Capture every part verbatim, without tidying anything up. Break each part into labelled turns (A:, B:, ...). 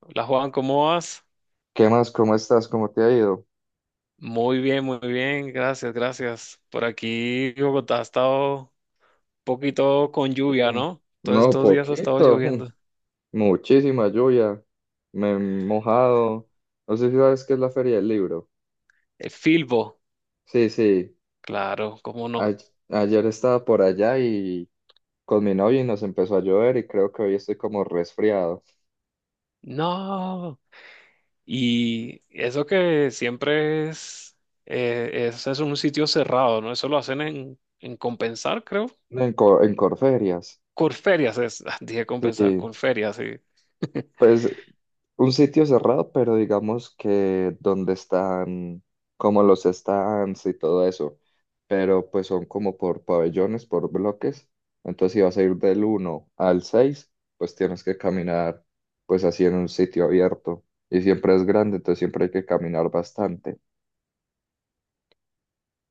A: Hola Juan, ¿cómo vas?
B: ¿Qué más? ¿Cómo estás? ¿Cómo te ha ido?
A: Muy bien, muy bien, gracias, gracias. Por aquí Bogotá ha estado un poquito con lluvia,
B: Uh,
A: ¿no? Todos
B: no,
A: estos días ha estado
B: poquito. mm,
A: lloviendo.
B: Muchísima lluvia. Me he mojado. No sé si sabes qué es la Feria del Libro.
A: Eh, Filbo,
B: Sí, sí.
A: claro, ¿cómo no?
B: ay- Ayer estaba por allá y con mi novia y nos empezó a llover y creo que hoy estoy como resfriado.
A: No, y eso que siempre es, eh, es, es un sitio cerrado, ¿no? Eso lo hacen en, en Compensar, creo.
B: En, co- en Corferias.
A: Corferias es, dije Compensar,
B: Sí.
A: Corferias, sí.
B: Pues un sitio cerrado, pero digamos que donde están como los stands y todo eso, pero pues son como por pabellones, por bloques. Entonces si vas a ir del uno al seis pues tienes que caminar pues así en un sitio abierto y siempre es grande, entonces siempre hay que caminar bastante.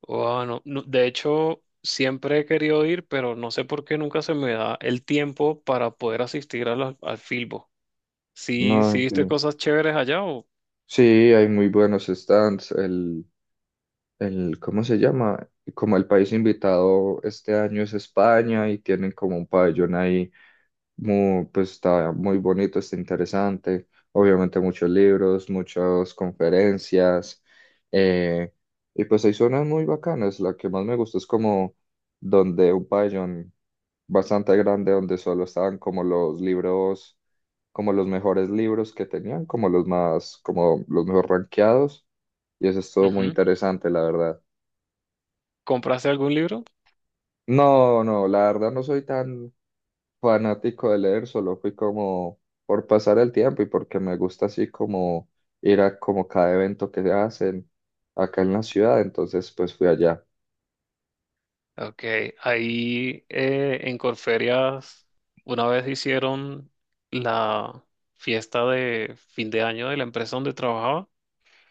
A: Wow, no, no, de hecho, siempre he querido ir, pero no sé por qué nunca se me da el tiempo para poder asistir a la- al Filbo. ¿Sí,
B: No,
A: sí
B: en
A: viste
B: fin.
A: cosas chéveres allá o,
B: Sí, hay muy buenos stands. El, ¿cómo se llama? Como el país invitado este año es España y tienen como un pabellón ahí, muy, pues está muy bonito, está interesante. Obviamente muchos libros, muchas conferencias. eh, y pues hay zonas muy bacanas. La que más me gusta es como donde un pabellón bastante grande, donde solo estaban como los libros, como los mejores libros que tenían, como los más, como los mejor rankeados y eso estuvo muy
A: ujú,
B: interesante, la verdad.
A: compraste algún libro?
B: No, no, la verdad no soy tan fanático de leer, solo fui como por pasar el tiempo y porque me gusta así como ir a como cada evento que se hacen acá en la ciudad, entonces pues fui allá.
A: Ok, ahí eh, en Corferias una vez hicieron la fiesta de fin de año de la empresa donde trabajaba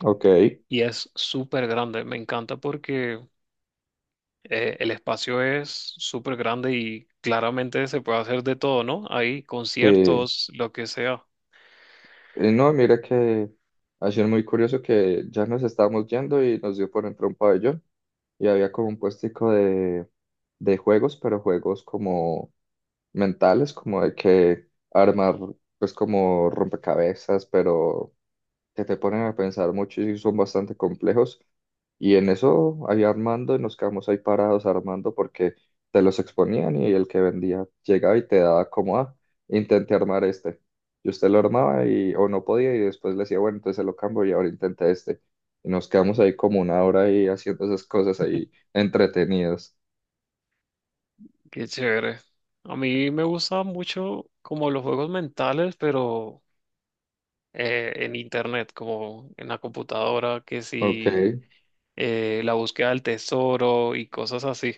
B: Ok,
A: y es súper grande. Me encanta porque eh, el espacio es súper grande y claramente se puede hacer de todo, ¿no? Hay
B: sí.
A: conciertos, lo que sea.
B: Y no, mira que ha sido muy curioso que ya nos estábamos yendo y nos dio por entrar a un pabellón y había como un puestico de, de juegos, pero juegos como mentales, como de que armar, pues como rompecabezas, pero que te ponen a pensar mucho y son bastante complejos. Y en eso ahí armando y nos quedamos ahí parados armando porque te los exponían y el que vendía llegaba y te daba como, ah, intenté armar este. Y usted lo armaba y, o no podía y después le decía, bueno, entonces se lo cambio y ahora intenta este. Y nos quedamos ahí como una hora ahí haciendo esas cosas ahí entretenidos.
A: Qué chévere. A mí me gusta mucho como los juegos mentales, pero eh, en internet, como en la computadora, que
B: Ok,
A: si eh, la búsqueda del tesoro y cosas así.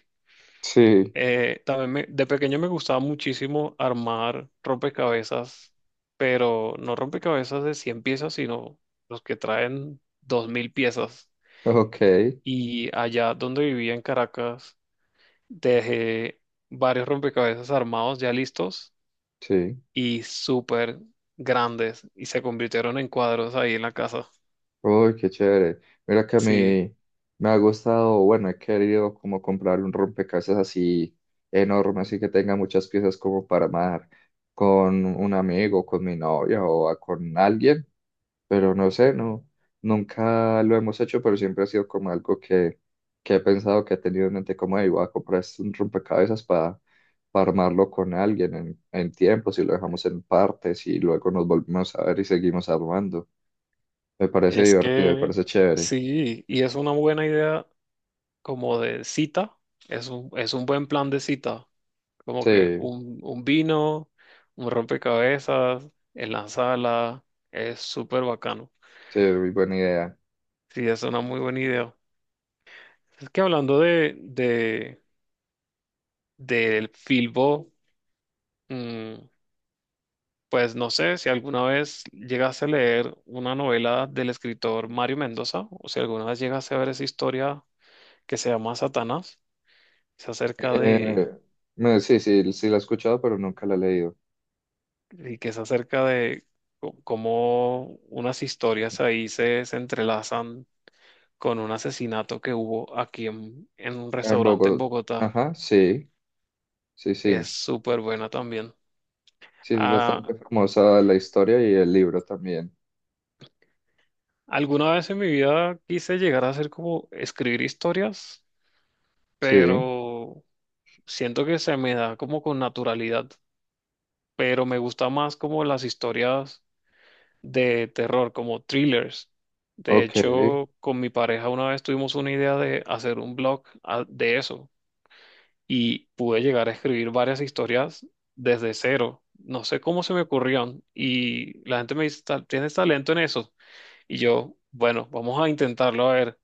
B: sí,
A: Eh, también me- de pequeño me gustaba muchísimo armar rompecabezas, pero no rompecabezas de cien piezas, sino los que traen dos mil piezas.
B: ok,
A: Y allá donde vivía en Caracas, dejé varios rompecabezas armados ya listos
B: sí.
A: y súper grandes y se convirtieron en cuadros ahí en la casa.
B: Uy, qué chévere. Mira que a
A: Sí,
B: mí me ha gustado, bueno, he querido como comprar un rompecabezas así enorme, así que tenga muchas piezas como para armar con un amigo, con mi novia o a- con alguien, pero no sé, no, nunca lo hemos hecho, pero siempre ha sido como algo que, que he pensado, que he tenido en mente como, "Ey, voy a comprar este- un rompecabezas para, para armarlo con alguien en, en tiempo, si lo dejamos en partes y luego nos volvemos a ver y seguimos armando. Me parece
A: es
B: divertido, me
A: que
B: parece chévere.
A: sí, y es una buena idea como de cita, es un, es un buen plan de cita. Como que
B: Sí,
A: un, un, vino, un rompecabezas en la sala, es súper bacano.
B: sí, muy buena idea.
A: Sí, es una muy buena idea. Es que hablando de, de, del Filbo, mm, pues no sé si alguna vez llegaste a leer una novela del escritor Mario Mendoza, o si alguna vez llegaste a ver esa historia que se llama Satanás, es acerca de,
B: Eh, no, sí, sí, sí la he escuchado, pero nunca la he leído.
A: y que es acerca de co- cómo unas historias ahí se, se entrelazan con un asesinato que hubo aquí en, en un
B: Ah, en
A: restaurante en
B: Bogotá,
A: Bogotá.
B: ajá, sí, sí,
A: Es
B: sí.
A: súper buena también.
B: Sí, es
A: Ah,
B: bastante famosa la historia y el libro también.
A: alguna vez en mi vida quise llegar a hacer como escribir historias,
B: Sí,
A: pero siento que se me da como con naturalidad. Pero me gusta más como las historias de terror, como thrillers. De
B: ok.
A: hecho, con mi pareja una vez tuvimos una idea de hacer un blog, ah, de eso, y pude llegar a escribir varias historias desde cero. No sé cómo se me ocurrieron y la gente me dice, "Ta- ¿tienes talento en eso?" Y yo, bueno, vamos a intentarlo a ver.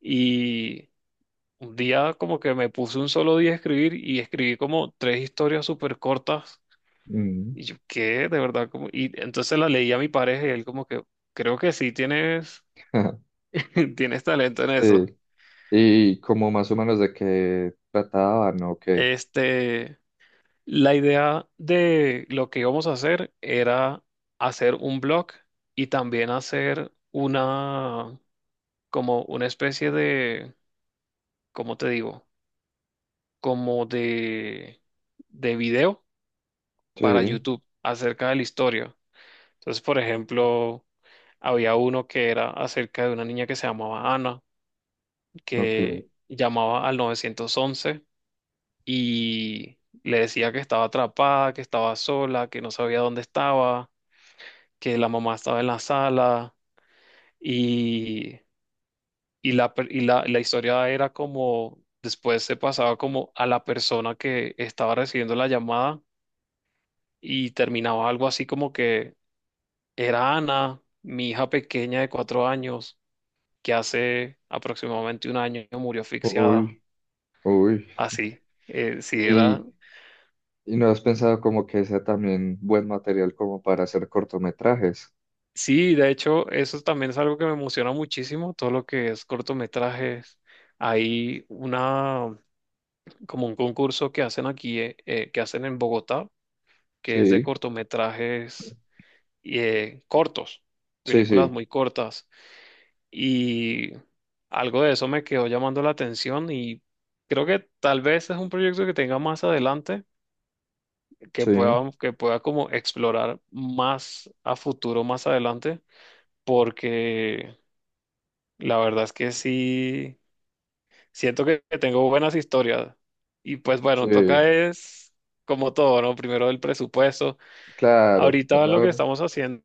A: Y un día como que me puse un solo día a escribir y escribí como tres historias súper cortas.
B: Mm,
A: Y yo, ¿qué? De verdad, como... Y entonces la leí a mi pareja y él como que, creo que sí tienes, tienes talento en eso.
B: sí, y como más o menos de qué trataban, ok.
A: Este... La idea de lo que íbamos a hacer era hacer un blog y también hacer una, como una especie de, ¿cómo te digo? Como de, de video para
B: Sí,
A: YouTube acerca de la historia. Entonces, por ejemplo, había uno que era acerca de una niña que se llamaba Ana,
B: ok.
A: que llamaba al novecientos once y le decía que estaba atrapada, que estaba sola, que no sabía dónde estaba, que la mamá estaba en la sala, y, y, la, per- y la, la historia era como, después se pasaba como a la persona que estaba recibiendo la llamada y terminaba algo así como que era Ana, mi hija pequeña de cuatro años, que hace aproximadamente un año murió asfixiada,
B: Uy, uy.
A: así. Eh, sí, era...
B: ¿Y, y no has pensado como que sea también buen material como para hacer cortometrajes?
A: Sí, de hecho, eso también es algo que me emociona muchísimo, todo lo que es cortometrajes. Hay una, como un concurso que hacen aquí, eh, eh, que hacen en Bogotá, que es de
B: Sí,
A: cortometrajes, eh, cortos,
B: sí,
A: películas
B: sí,
A: muy cortas. Y algo de eso me quedó llamando la atención y creo que tal vez es un proyecto que tenga más adelante, que
B: sí,
A: pueda, que pueda como explorar más a futuro, más adelante, porque la verdad es que sí. Siento que que tengo buenas historias. Y pues bueno,
B: sí,
A: toca es como todo, ¿no? Primero el presupuesto.
B: claro,
A: Ahorita lo que
B: ¿verdad?
A: estamos haciendo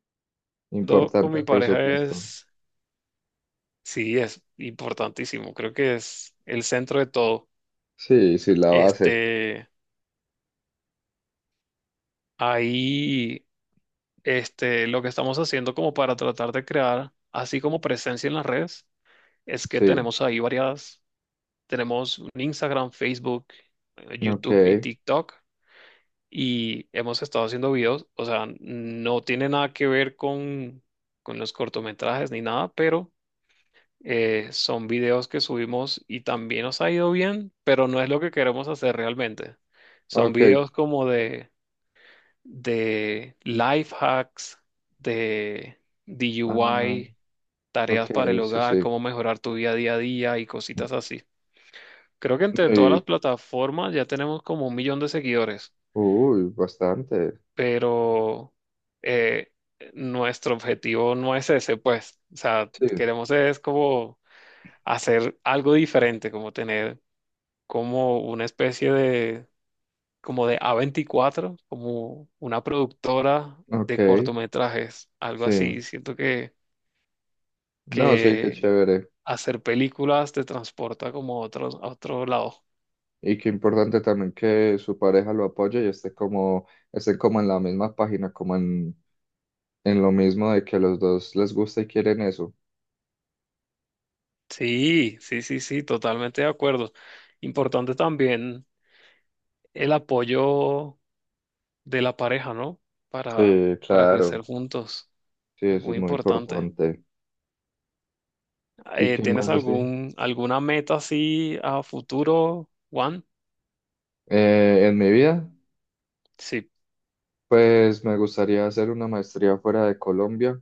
A: con
B: Importante
A: mi
B: el
A: pareja
B: presupuesto.
A: es, sí, es importantísimo. Creo que es el centro de todo.
B: Sí, sí, la base,
A: Este, ahí, este, lo que estamos haciendo como para tratar de crear, así como presencia en las redes, es que
B: sí,
A: tenemos ahí varias, tenemos un Instagram, Facebook, eh,
B: ok,
A: YouTube y TikTok. Y hemos estado haciendo videos, o sea, no tiene nada que ver con, con los cortometrajes ni nada, pero eh, son videos que subimos y también nos ha ido bien, pero no es lo que queremos hacer realmente. Son
B: ok,
A: videos como de, de life hacks, de
B: ah,
A: D I Y,
B: ok,
A: tareas para el
B: sí,
A: hogar,
B: sí,
A: cómo mejorar tu vida día a día y cositas así. Creo que entre todas las
B: y-
A: plataformas ya tenemos como un millón de seguidores.
B: uy, bastante,
A: Pero eh, nuestro objetivo no es ese, pues, o sea,
B: sí,
A: queremos es como hacer algo diferente, como tener como una especie de, como de a veinticuatro, como una productora
B: ok,
A: de cortometrajes, algo
B: sí,
A: así. Siento que,
B: no, sí, qué
A: que
B: chévere,
A: hacer películas te transporta como a otro, a otro lado.
B: y qué importante también que su pareja lo apoye y esté como, esté como en la misma página, como en, en lo mismo de que los dos les gusta y quieren eso.
A: Sí, sí, sí, sí, totalmente de acuerdo. Importante también el apoyo de la pareja, ¿no? Para,
B: Sí,
A: para crecer
B: claro,
A: juntos.
B: sí,
A: Es
B: eso es
A: muy
B: muy
A: importante.
B: importante. ¿Y
A: Eh,
B: qué
A: ¿tienes
B: más así?
A: algún, alguna meta así a futuro, Juan?
B: Eh, en mi vida,
A: Sí.
B: pues me gustaría hacer una maestría fuera de Colombia.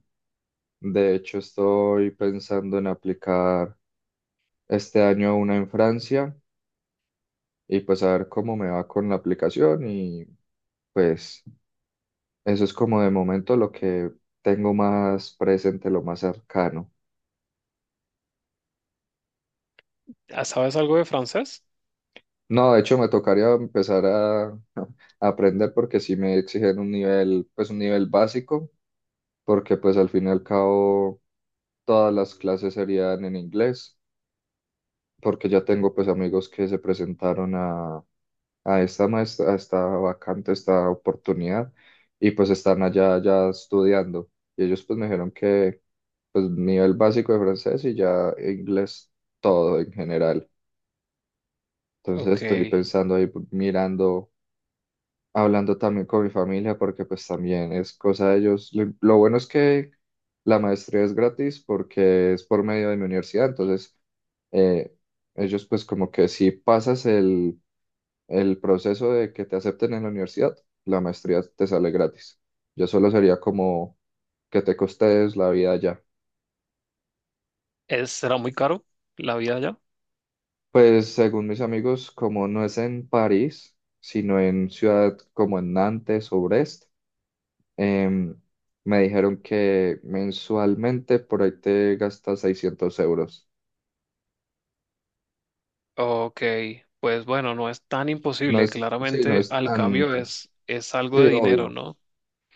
B: De hecho, estoy pensando en aplicar este año una en Francia y pues a ver cómo me va con la aplicación y pues eso es como de momento lo que tengo más presente, lo más cercano.
A: Ah, ¿sabes algo de francés?
B: No, de hecho me tocaría empezar a, a aprender porque sí me exigen un nivel, pues un nivel básico, porque pues al fin y al cabo todas las clases serían en inglés, porque ya tengo pues amigos que se presentaron a, a esta maestra, a esta vacante, esta oportunidad, y pues están allá ya estudiando. Y ellos pues me dijeron que pues nivel básico de francés y ya inglés todo en general. Entonces
A: Ok.
B: estoy pensando ahí, pues, mirando, hablando también con mi familia, porque pues también es cosa de ellos. Lo, lo bueno es que la maestría es gratis porque es por medio de mi universidad, entonces eh, ellos pues como que si pasas el, el proceso de que te acepten en la universidad, la maestría te sale gratis. Yo solo sería como que te costees la vida allá.
A: ¿Es, será muy caro la vida allá?
B: Pues según mis amigos, como no es en París, sino en ciudad como en Nantes o Brest, em, me dijeron que mensualmente por ahí te gastas seiscientos euros.
A: Ok. Pues bueno, no es tan
B: No
A: imposible.
B: es, sí, no
A: Claramente,
B: es
A: al cambio
B: tanto.
A: es, es algo
B: Sí,
A: de dinero,
B: obvio.
A: ¿no?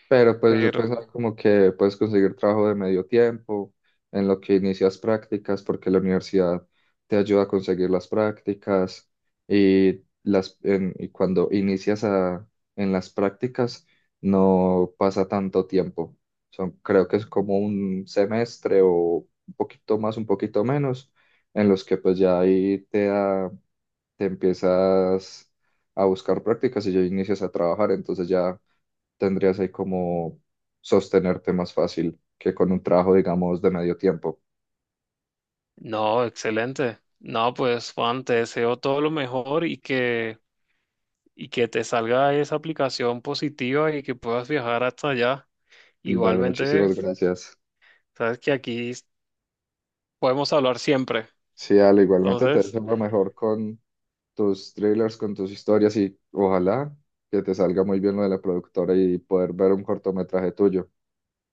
B: Pero pues yo pensaba
A: Pero
B: como que puedes conseguir trabajo de medio tiempo en lo que inicias prácticas, porque la universidad te ayuda a conseguir las prácticas y, las, en- y cuando inicias a- en las prácticas no pasa tanto tiempo. Son, creo que es como un semestre o un poquito más, un poquito menos, en los que pues ya ahí te, da- te empiezas a buscar prácticas y ya inicias a trabajar, entonces ya tendrías ahí como sostenerte más fácil que con un trabajo, digamos, de medio tiempo.
A: no, excelente. No, pues Juan, te deseo todo lo mejor y que y que te salga esa aplicación positiva y que puedas viajar hasta allá.
B: Dale,
A: Igualmente,
B: muchísimas gracias.
A: sabes que aquí podemos hablar siempre.
B: Sí, Ale, igualmente te
A: Entonces,
B: deseo lo mejor con tus thrillers, con tus historias y ojalá que te salga muy bien lo de la productora y poder ver un cortometraje tuyo.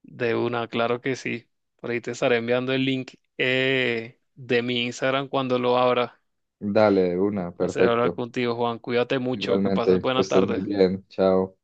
A: de una, claro que sí. Por ahí te estaré enviando el link, eh, de mi Instagram cuando lo abra.
B: Dale, de una,
A: Hacer hablar
B: perfecto.
A: contigo, Juan. Cuídate mucho, que pases
B: Igualmente, que
A: buena
B: estés muy
A: tarde.
B: bien. Chao.